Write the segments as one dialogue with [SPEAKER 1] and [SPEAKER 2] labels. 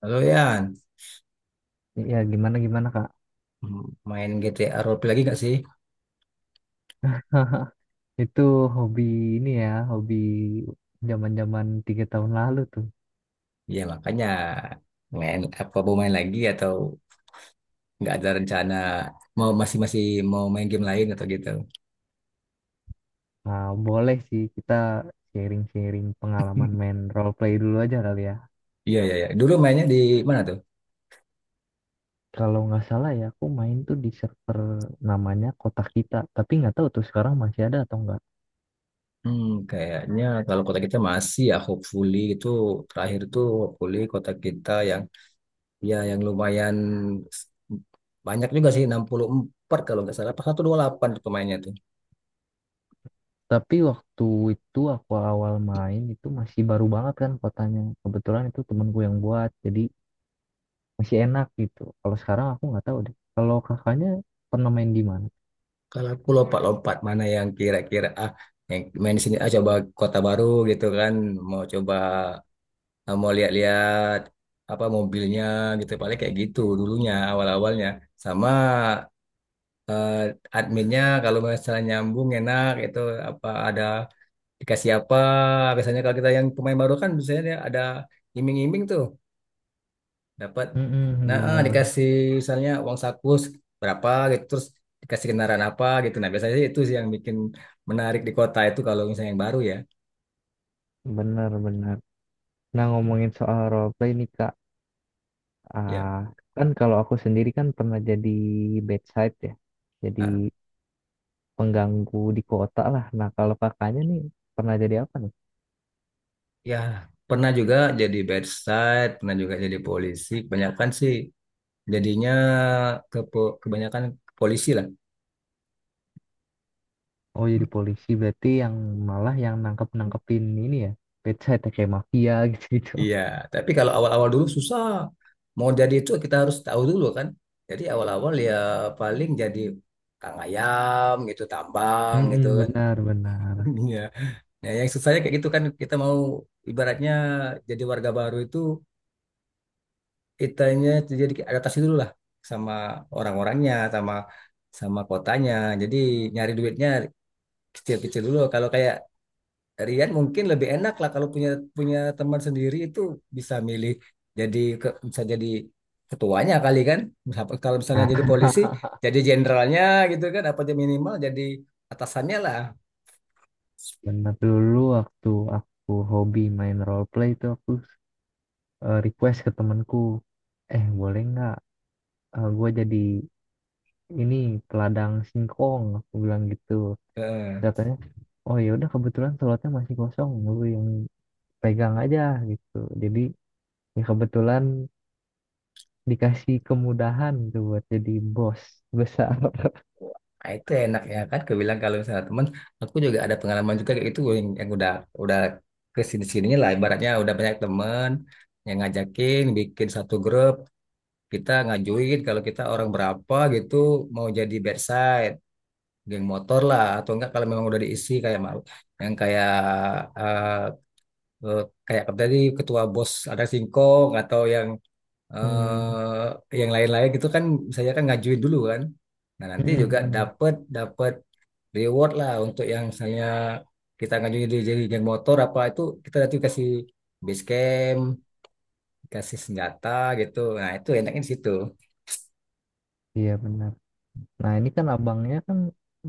[SPEAKER 1] Halo Yan.
[SPEAKER 2] Iya, gimana gimana Kak?
[SPEAKER 1] Hmm. Main GTA roleplay lagi, nggak sih?
[SPEAKER 2] Itu hobi ini ya, hobi zaman-zaman tiga tahun lalu tuh.
[SPEAKER 1] Ya makanya, main apa, mau main lagi, atau nggak ada rencana, mau masih masih mau main game lain atau gitu?
[SPEAKER 2] Nah, boleh sih kita sharing-sharing pengalaman main role play dulu aja kali ya.
[SPEAKER 1] Iya, iya, iya. Dulu mainnya di mana tuh?
[SPEAKER 2] Kalau nggak salah ya, aku main tuh di server namanya kota Kita, tapi nggak tahu tuh sekarang masih ada atau nggak.
[SPEAKER 1] Hmm, Kayaknya kalau kota Kita masih, ya hopefully itu terakhir tuh, hopefully kota Kita yang, yang lumayan s- banyak juga sih, 64 kalau nggak salah. Pas 128 tuh pemainnya tuh.
[SPEAKER 2] Tapi waktu itu aku awal main itu masih baru banget kan kotanya. Kebetulan itu temenku yang buat, jadi masih enak gitu. Kalau sekarang aku nggak tahu deh. Kalau kakaknya pernah main di mana?
[SPEAKER 1] Kalau aku lompat-lompat mana yang kira-kira, yang main di sini, coba kota baru gitu kan, mau coba, mau lihat-lihat apa mobilnya gitu, paling kayak gitu dulunya awal-awalnya. Sama eh, adminnya kalau misalnya nyambung enak itu, apa ada dikasih apa, biasanya kalau kita yang pemain baru kan biasanya dia ada iming-iming tuh, dapat,
[SPEAKER 2] Mm-mm,
[SPEAKER 1] nah
[SPEAKER 2] benar,
[SPEAKER 1] dikasih misalnya uang saku berapa gitu, terus dikasih kendaraan apa gitu, nah biasanya sih itu sih yang bikin menarik di kota itu kalau misalnya yang baru, ya.
[SPEAKER 2] benar, benar. Nah, ngomongin soal role play nih, Kak.
[SPEAKER 1] Ya,
[SPEAKER 2] Ah, kan kalau aku sendiri kan pernah jadi bedside ya. Jadi
[SPEAKER 1] Ah,
[SPEAKER 2] pengganggu di kota lah. Nah, kalau kakaknya nih pernah jadi apa nih?
[SPEAKER 1] ya, pernah juga jadi bedside, pernah juga jadi polisi, kebanyakan sih jadinya ke kebanyakan ke polisi lah.
[SPEAKER 2] Oh, jadi polisi berarti yang malah yang nangkep-nangkepin ini ya. Bedside ya, kayak mafia gitu-gitu.
[SPEAKER 1] Iya, tapi kalau awal-awal dulu susah mau jadi itu, kita harus tahu dulu kan, jadi awal-awal ya paling jadi kang ayam gitu, tambang gitu
[SPEAKER 2] Mm-mm,
[SPEAKER 1] kan.
[SPEAKER 2] benar, benar.
[SPEAKER 1] Iya. Ya, yang susahnya kayak gitu kan, kita mau ibaratnya jadi warga baru itu, kitanya jadi adaptasi dulu lah sama orang-orangnya, sama sama kotanya. Jadi nyari duitnya kecil-kecil dulu. Kalau kayak Rian mungkin lebih enak lah, kalau punya punya teman sendiri itu bisa milih, jadi bisa jadi ketuanya kali kan. Kalau misalnya jadi polisi,
[SPEAKER 2] Nah,
[SPEAKER 1] jadi jenderalnya gitu kan, apa aja minimal jadi atasannya lah.
[SPEAKER 2] Benar dulu waktu aku hobi main role play itu aku request ke temanku, boleh nggak gue jadi ini peladang singkong aku bilang gitu. Terus
[SPEAKER 1] Eh,
[SPEAKER 2] katanya oh ya udah kebetulan slotnya masih kosong lu yang pegang aja gitu jadi ya kebetulan dikasih kemudahan tuh buat jadi bos besar.
[SPEAKER 1] itu enak ya kan, kebilang kalau misalnya teman, aku juga ada pengalaman juga kayak itu, yang udah, udah kesini sini-sininya lah ibaratnya, udah banyak teman yang ngajakin bikin satu grup, kita ngajuin kalau kita orang berapa gitu mau jadi bedside, geng motor lah, atau enggak kalau memang udah diisi kayak mau yang kayak, eh, eh, kayak tadi ketua bos ada singkong, atau yang
[SPEAKER 2] Hmm.
[SPEAKER 1] yang lain-lain gitu kan, saya kan ngajuin dulu kan. Nah, nanti juga dapat, reward lah untuk yang misalnya kita ngajuin jadi, geng motor apa itu, kita nanti kasih base camp, kasih senjata gitu. Nah itu enaknya di situ.
[SPEAKER 2] Iya benar. Nah ini kan abangnya kan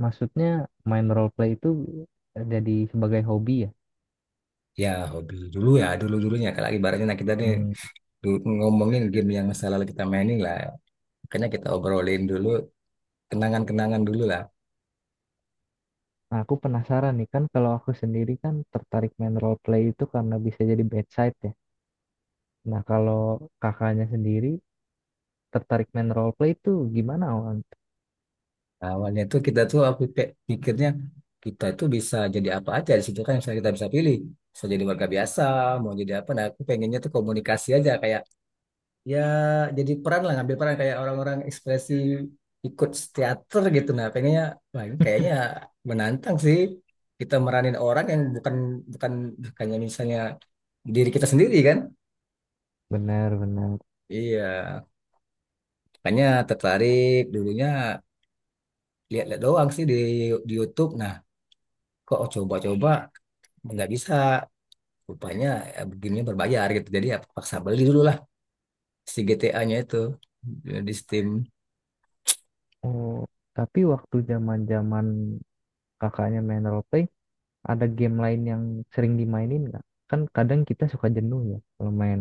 [SPEAKER 2] maksudnya main role play itu jadi sebagai hobi ya.
[SPEAKER 1] Ya, hobi dulu ya, dulu dulunya kalau ibaratnya, nah kita nih
[SPEAKER 2] Hmm.
[SPEAKER 1] ngomongin game yang masa lalu kita mainin lah. Makanya kita obrolin dulu kenangan-kenangan dulu lah.
[SPEAKER 2] Nah, aku penasaran nih kan kalau aku sendiri kan tertarik main role play itu karena bisa jadi bedside ya. Nah, kalau kakaknya sendiri tertarik main role play itu gimana, Wan?
[SPEAKER 1] Awalnya tuh kita tuh apa, pikirnya kita itu bisa jadi apa aja di situ kan, misalnya kita bisa pilih. Bisa jadi warga biasa, mau jadi apa. Nah aku pengennya tuh komunikasi aja, kayak ya jadi peran lah, ngambil peran kayak orang-orang ekspresi ikut teater gitu. Nah pengennya, wah ini kayaknya menantang sih, kita meranin orang yang bukan, bukan bukannya misalnya diri kita sendiri kan.
[SPEAKER 2] Benar-benar.
[SPEAKER 1] Iya, makanya tertarik dulunya, lihat-lihat doang sih di, YouTube, nah kok coba-coba nggak bisa rupanya, ya begini berbayar gitu, jadi ya paksa beli dulu lah si GTA-nya itu di Steam.
[SPEAKER 2] Oh, tapi waktu zaman-zaman kakaknya main role play, ada game lain yang sering dimainin nggak? Kan kadang kita suka jenuh ya kalau main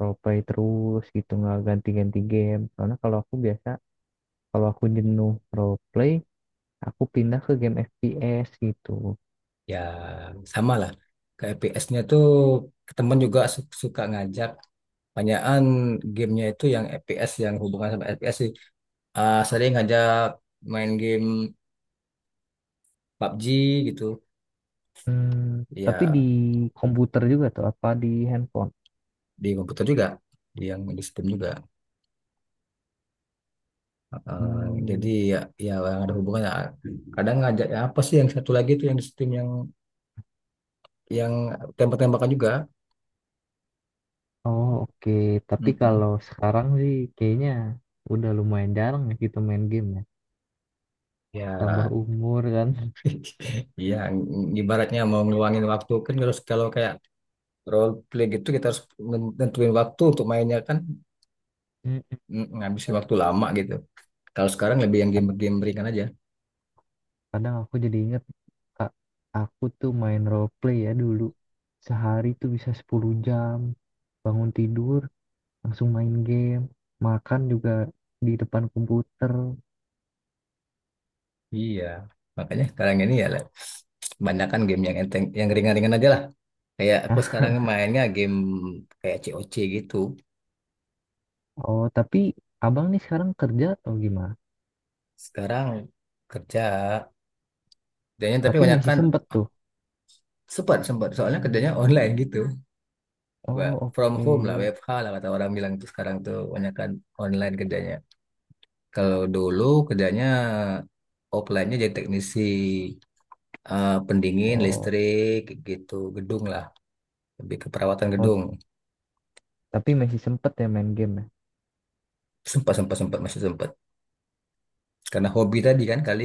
[SPEAKER 2] role play terus gitu nggak ganti-ganti game. Karena kalau aku biasa kalau aku jenuh role play, aku pindah ke game FPS gitu.
[SPEAKER 1] Ya, sama lah, ke FPS-nya tuh teman juga suka ngajak, banyakan gamenya itu yang FPS, yang hubungan sama FPS sih. Ah, sering ngajak main game PUBG gitu.
[SPEAKER 2] Hmm, tapi di
[SPEAKER 1] Ya,
[SPEAKER 2] komputer juga tuh apa di handphone?
[SPEAKER 1] di komputer juga, di yang di Steam juga. Ah, jadi
[SPEAKER 2] Hmm.
[SPEAKER 1] ya, yang ada hubungannya, kadang ngajak ya, apa sih yang satu lagi itu yang di Steam, yang yang tembak-tembakan juga.
[SPEAKER 2] Oh oke. Tapi
[SPEAKER 1] Mm-mm.
[SPEAKER 2] kalau sekarang sih kayaknya udah lumayan jarang ya kita main game ya. Tambah
[SPEAKER 1] Ya.
[SPEAKER 2] umur kan.
[SPEAKER 1] Iya, ibaratnya mau ngeluangin waktu kan harus, kalau kayak role play gitu kita harus nentuin waktu untuk mainnya kan,
[SPEAKER 2] Mm, mm.
[SPEAKER 1] ngabisin waktu lama gitu. Kalau sekarang lebih yang game-game ringan aja.
[SPEAKER 2] Kadang aku jadi inget, Kak, aku tuh main role play ya dulu. Sehari tuh bisa 10 jam. Bangun tidur, langsung main game. Makan juga di depan komputer.
[SPEAKER 1] Iya. Makanya sekarang ini ya lah, kebanyakan game yang enteng, yang ringan-ringan aja lah. Kayak aku sekarang mainnya game kayak COC gitu.
[SPEAKER 2] Oh, tapi abang nih sekarang kerja atau gimana?
[SPEAKER 1] Sekarang kerja. Kerjanya tapi
[SPEAKER 2] Tapi
[SPEAKER 1] banyak
[SPEAKER 2] masih
[SPEAKER 1] kan,
[SPEAKER 2] sempet tuh.
[SPEAKER 1] sempat, sempat, soalnya kerjanya online gitu.
[SPEAKER 2] Oh,
[SPEAKER 1] From
[SPEAKER 2] oke.
[SPEAKER 1] home lah, W F WFH lah kata orang bilang tuh, sekarang tuh banyak kan online kerjanya. Kalau dulu kerjanya offline-nya jadi teknisi pendingin,
[SPEAKER 2] Oh,
[SPEAKER 1] listrik, gitu, gedung lah, lebih ke perawatan
[SPEAKER 2] oh,
[SPEAKER 1] gedung.
[SPEAKER 2] tapi masih sempet ya main game ya?
[SPEAKER 1] Sempat, sempat, sempat, masih sempat. Karena hobi tadi kan kali,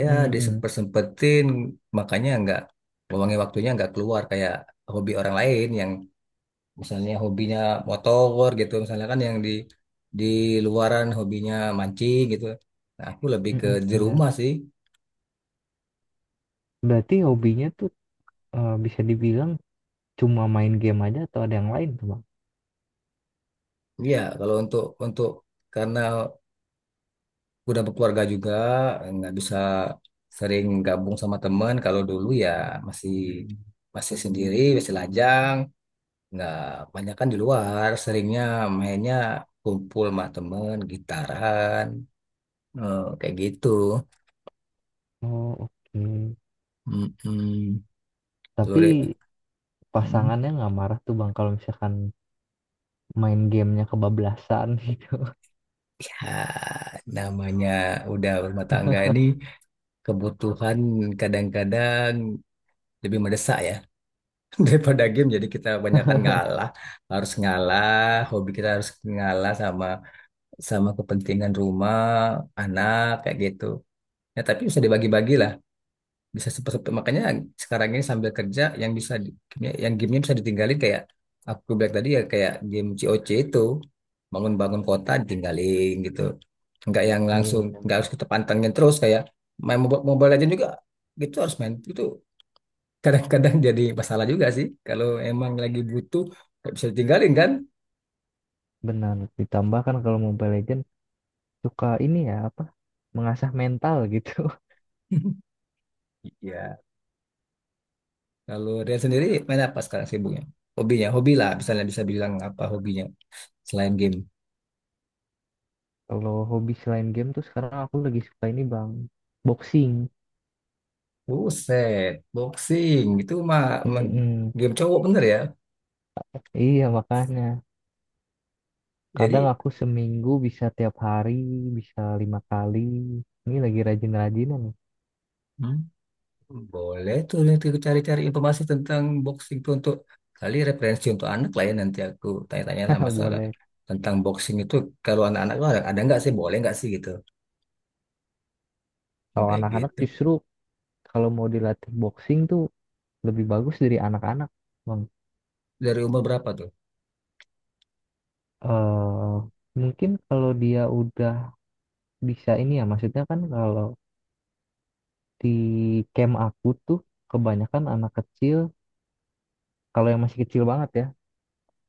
[SPEAKER 1] ya
[SPEAKER 2] Mm-mm.
[SPEAKER 1] disempet-sempetin, makanya nggak, luangin waktunya nggak keluar kayak hobi orang lain yang misalnya hobinya motor gitu, misalnya kan yang di, di luaran hobinya mancing gitu. Nah, aku lebih ke
[SPEAKER 2] Mm-mm,
[SPEAKER 1] di
[SPEAKER 2] benar.
[SPEAKER 1] rumah sih.
[SPEAKER 2] Berarti hobinya tuh bisa dibilang cuma main game aja atau ada yang lain tuh bang?
[SPEAKER 1] Iya, kalau untuk karena udah berkeluarga juga, nggak bisa sering gabung sama temen. Kalau dulu ya, masih masih sendiri, masih lajang, nggak, banyak kan di luar seringnya, mainnya kumpul sama temen gitaran, kayak gitu.
[SPEAKER 2] Oh oke.
[SPEAKER 1] Mm-mm. Kalau deh,
[SPEAKER 2] Tapi
[SPEAKER 1] mm,
[SPEAKER 2] pasangannya nggak marah tuh bang kalau misalkan main gamenya kebablasan gitu.
[SPEAKER 1] ya namanya udah berumah tangga ini, kebutuhan kadang-kadang lebih mendesak ya daripada game, jadi kita banyakkan ngalah, harus ngalah, hobi kita harus ngalah sama, kepentingan rumah, anak, kayak gitu. Ya, tapi bisa dibagi-bagi lah, bisa seperti, makanya sekarang ini sambil kerja, yang bisa yang gamenya bisa ditinggalin, kayak aku bilang tadi ya, kayak game COC itu, bangun-bangun kota ditinggalin gitu, nggak yang
[SPEAKER 2] Iya
[SPEAKER 1] langsung, nggak harus
[SPEAKER 2] benar-benar.
[SPEAKER 1] kita pantengin terus kayak main Mobile Mobile Legends juga gitu, harus main itu, kadang-kadang jadi masalah juga sih. Kalau emang lagi butuh, nggak bisa ditinggalin kan?
[SPEAKER 2] Benar. Ditambah kan kalau Mobile Legends suka ini ya apa? Mengasah mental gitu.
[SPEAKER 1] Iya. Kalau Rian sendiri main apa sekarang sibuknya? Hobinya, hobi lah. Misalnya bisa bilang apa hobinya selain game.
[SPEAKER 2] Kalau hobi selain game tuh sekarang aku lagi suka ini bang, boxing.
[SPEAKER 1] Buset, boxing. Itu mah me-
[SPEAKER 2] Mm-mm.
[SPEAKER 1] game cowok bener ya.
[SPEAKER 2] Iya makanya. Kadang
[SPEAKER 1] Jadi.
[SPEAKER 2] aku seminggu bisa tiap hari, bisa 5 kali. Ini lagi rajin-rajinan nih.
[SPEAKER 1] Hmm. Boleh tuh nanti aku cari-cari informasi tentang boxing tuh, untuk kali referensi untuk anak lah ya, nanti aku tanya-tanya lah masalah
[SPEAKER 2] Boleh.
[SPEAKER 1] tentang boxing itu, kalau anak-anak tuh ada, nggak sih, boleh nggak sih gitu. Hmm,
[SPEAKER 2] Kalau
[SPEAKER 1] kayak
[SPEAKER 2] anak-anak
[SPEAKER 1] gitu.
[SPEAKER 2] justru kalau mau dilatih boxing tuh lebih bagus dari anak-anak, Bang.
[SPEAKER 1] Dari umur berapa tuh?
[SPEAKER 2] Eh, mungkin kalau dia udah bisa ini ya, maksudnya kan kalau di camp aku tuh kebanyakan anak kecil, kalau yang masih kecil banget ya,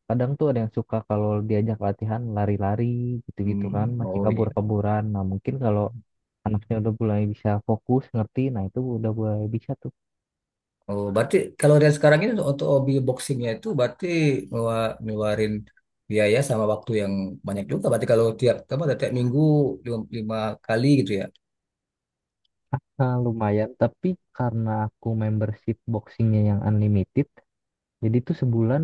[SPEAKER 2] kadang tuh ada yang suka kalau diajak latihan lari-lari gitu-gitu kan,
[SPEAKER 1] Hmm.
[SPEAKER 2] masih
[SPEAKER 1] Oh iya.
[SPEAKER 2] kabur-kaburan. Nah mungkin kalau anaknya udah mulai bisa fokus ngerti nah itu udah mulai bisa tuh
[SPEAKER 1] Oh, berarti kalau dari sekarang ini untuk hobi boxingnya itu berarti ngeluarin biaya sama waktu yang banyak juga. Berarti kalau tiap apa, tiap minggu lima kali gitu ya.
[SPEAKER 2] nah, lumayan tapi karena aku membership boxingnya yang unlimited jadi tuh sebulan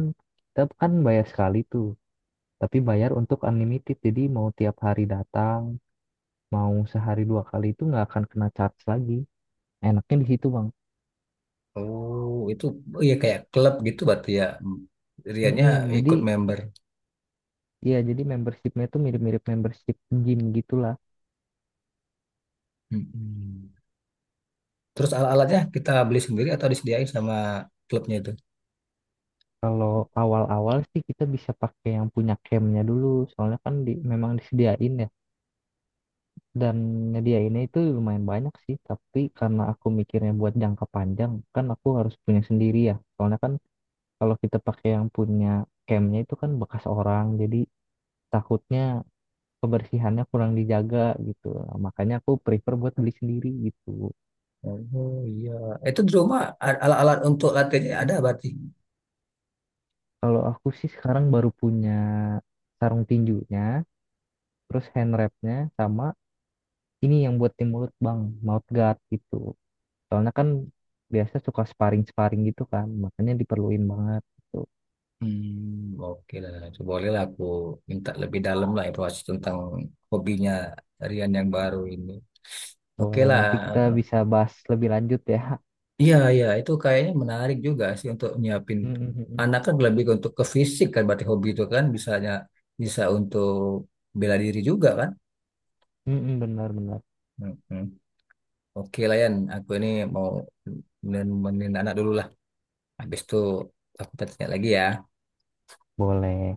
[SPEAKER 2] kita kan bayar sekali tuh tapi bayar untuk unlimited jadi mau tiap hari datang mau sehari 2 kali itu nggak akan kena charge lagi enaknya di situ bang.
[SPEAKER 1] Oh, itu, oh iya, kayak klub gitu berarti ya. Hmm. Riannya
[SPEAKER 2] Mm-mm,
[SPEAKER 1] ikut
[SPEAKER 2] jadi
[SPEAKER 1] member.
[SPEAKER 2] ya jadi membershipnya tuh mirip-mirip membership gym gitulah.
[SPEAKER 1] Mm-mm. Terus alat-alatnya kita beli sendiri atau disediain sama klubnya itu?
[SPEAKER 2] Kalau awal-awal sih kita bisa pakai yang punya campnya dulu soalnya kan di, memang disediain dan nyediainnya itu lumayan banyak sih tapi karena aku mikirnya buat jangka panjang kan aku harus punya sendiri ya soalnya kan kalau kita pakai yang punya campnya itu kan bekas orang jadi takutnya kebersihannya kurang dijaga gitu. Nah, makanya aku prefer buat beli sendiri gitu.
[SPEAKER 1] Oh iya. Itu di rumah alat-alat untuk latihannya ada berarti.
[SPEAKER 2] Kalau aku sih sekarang baru punya sarung tinjunya terus hand wrapnya sama ini yang buat tim mulut bang mouth guard gitu soalnya kan biasa suka sparring-sparring gitu kan makanya diperluin banget gitu.
[SPEAKER 1] Hmm, oke lah. Itu bolehlah aku minta lebih dalam lah informasi tentang hobinya Rian yang baru ini. Oke
[SPEAKER 2] Boleh,
[SPEAKER 1] lah.
[SPEAKER 2] nanti kita bisa bahas lebih lanjut ya.
[SPEAKER 1] Iya, iya. Itu kayaknya menarik juga sih, untuk nyiapin
[SPEAKER 2] Mm, mm, mm, mm.
[SPEAKER 1] anak kan lebih untuk ke fisik kan. Berarti hobi itu kan bisanya bisa untuk bela diri juga kan.
[SPEAKER 2] Mm Benar-benar.
[SPEAKER 1] Mm-mm. Oke lah Yan. Aku ini mau nemenin anak dulu lah. Habis itu aku tanya lagi ya.
[SPEAKER 2] Boleh.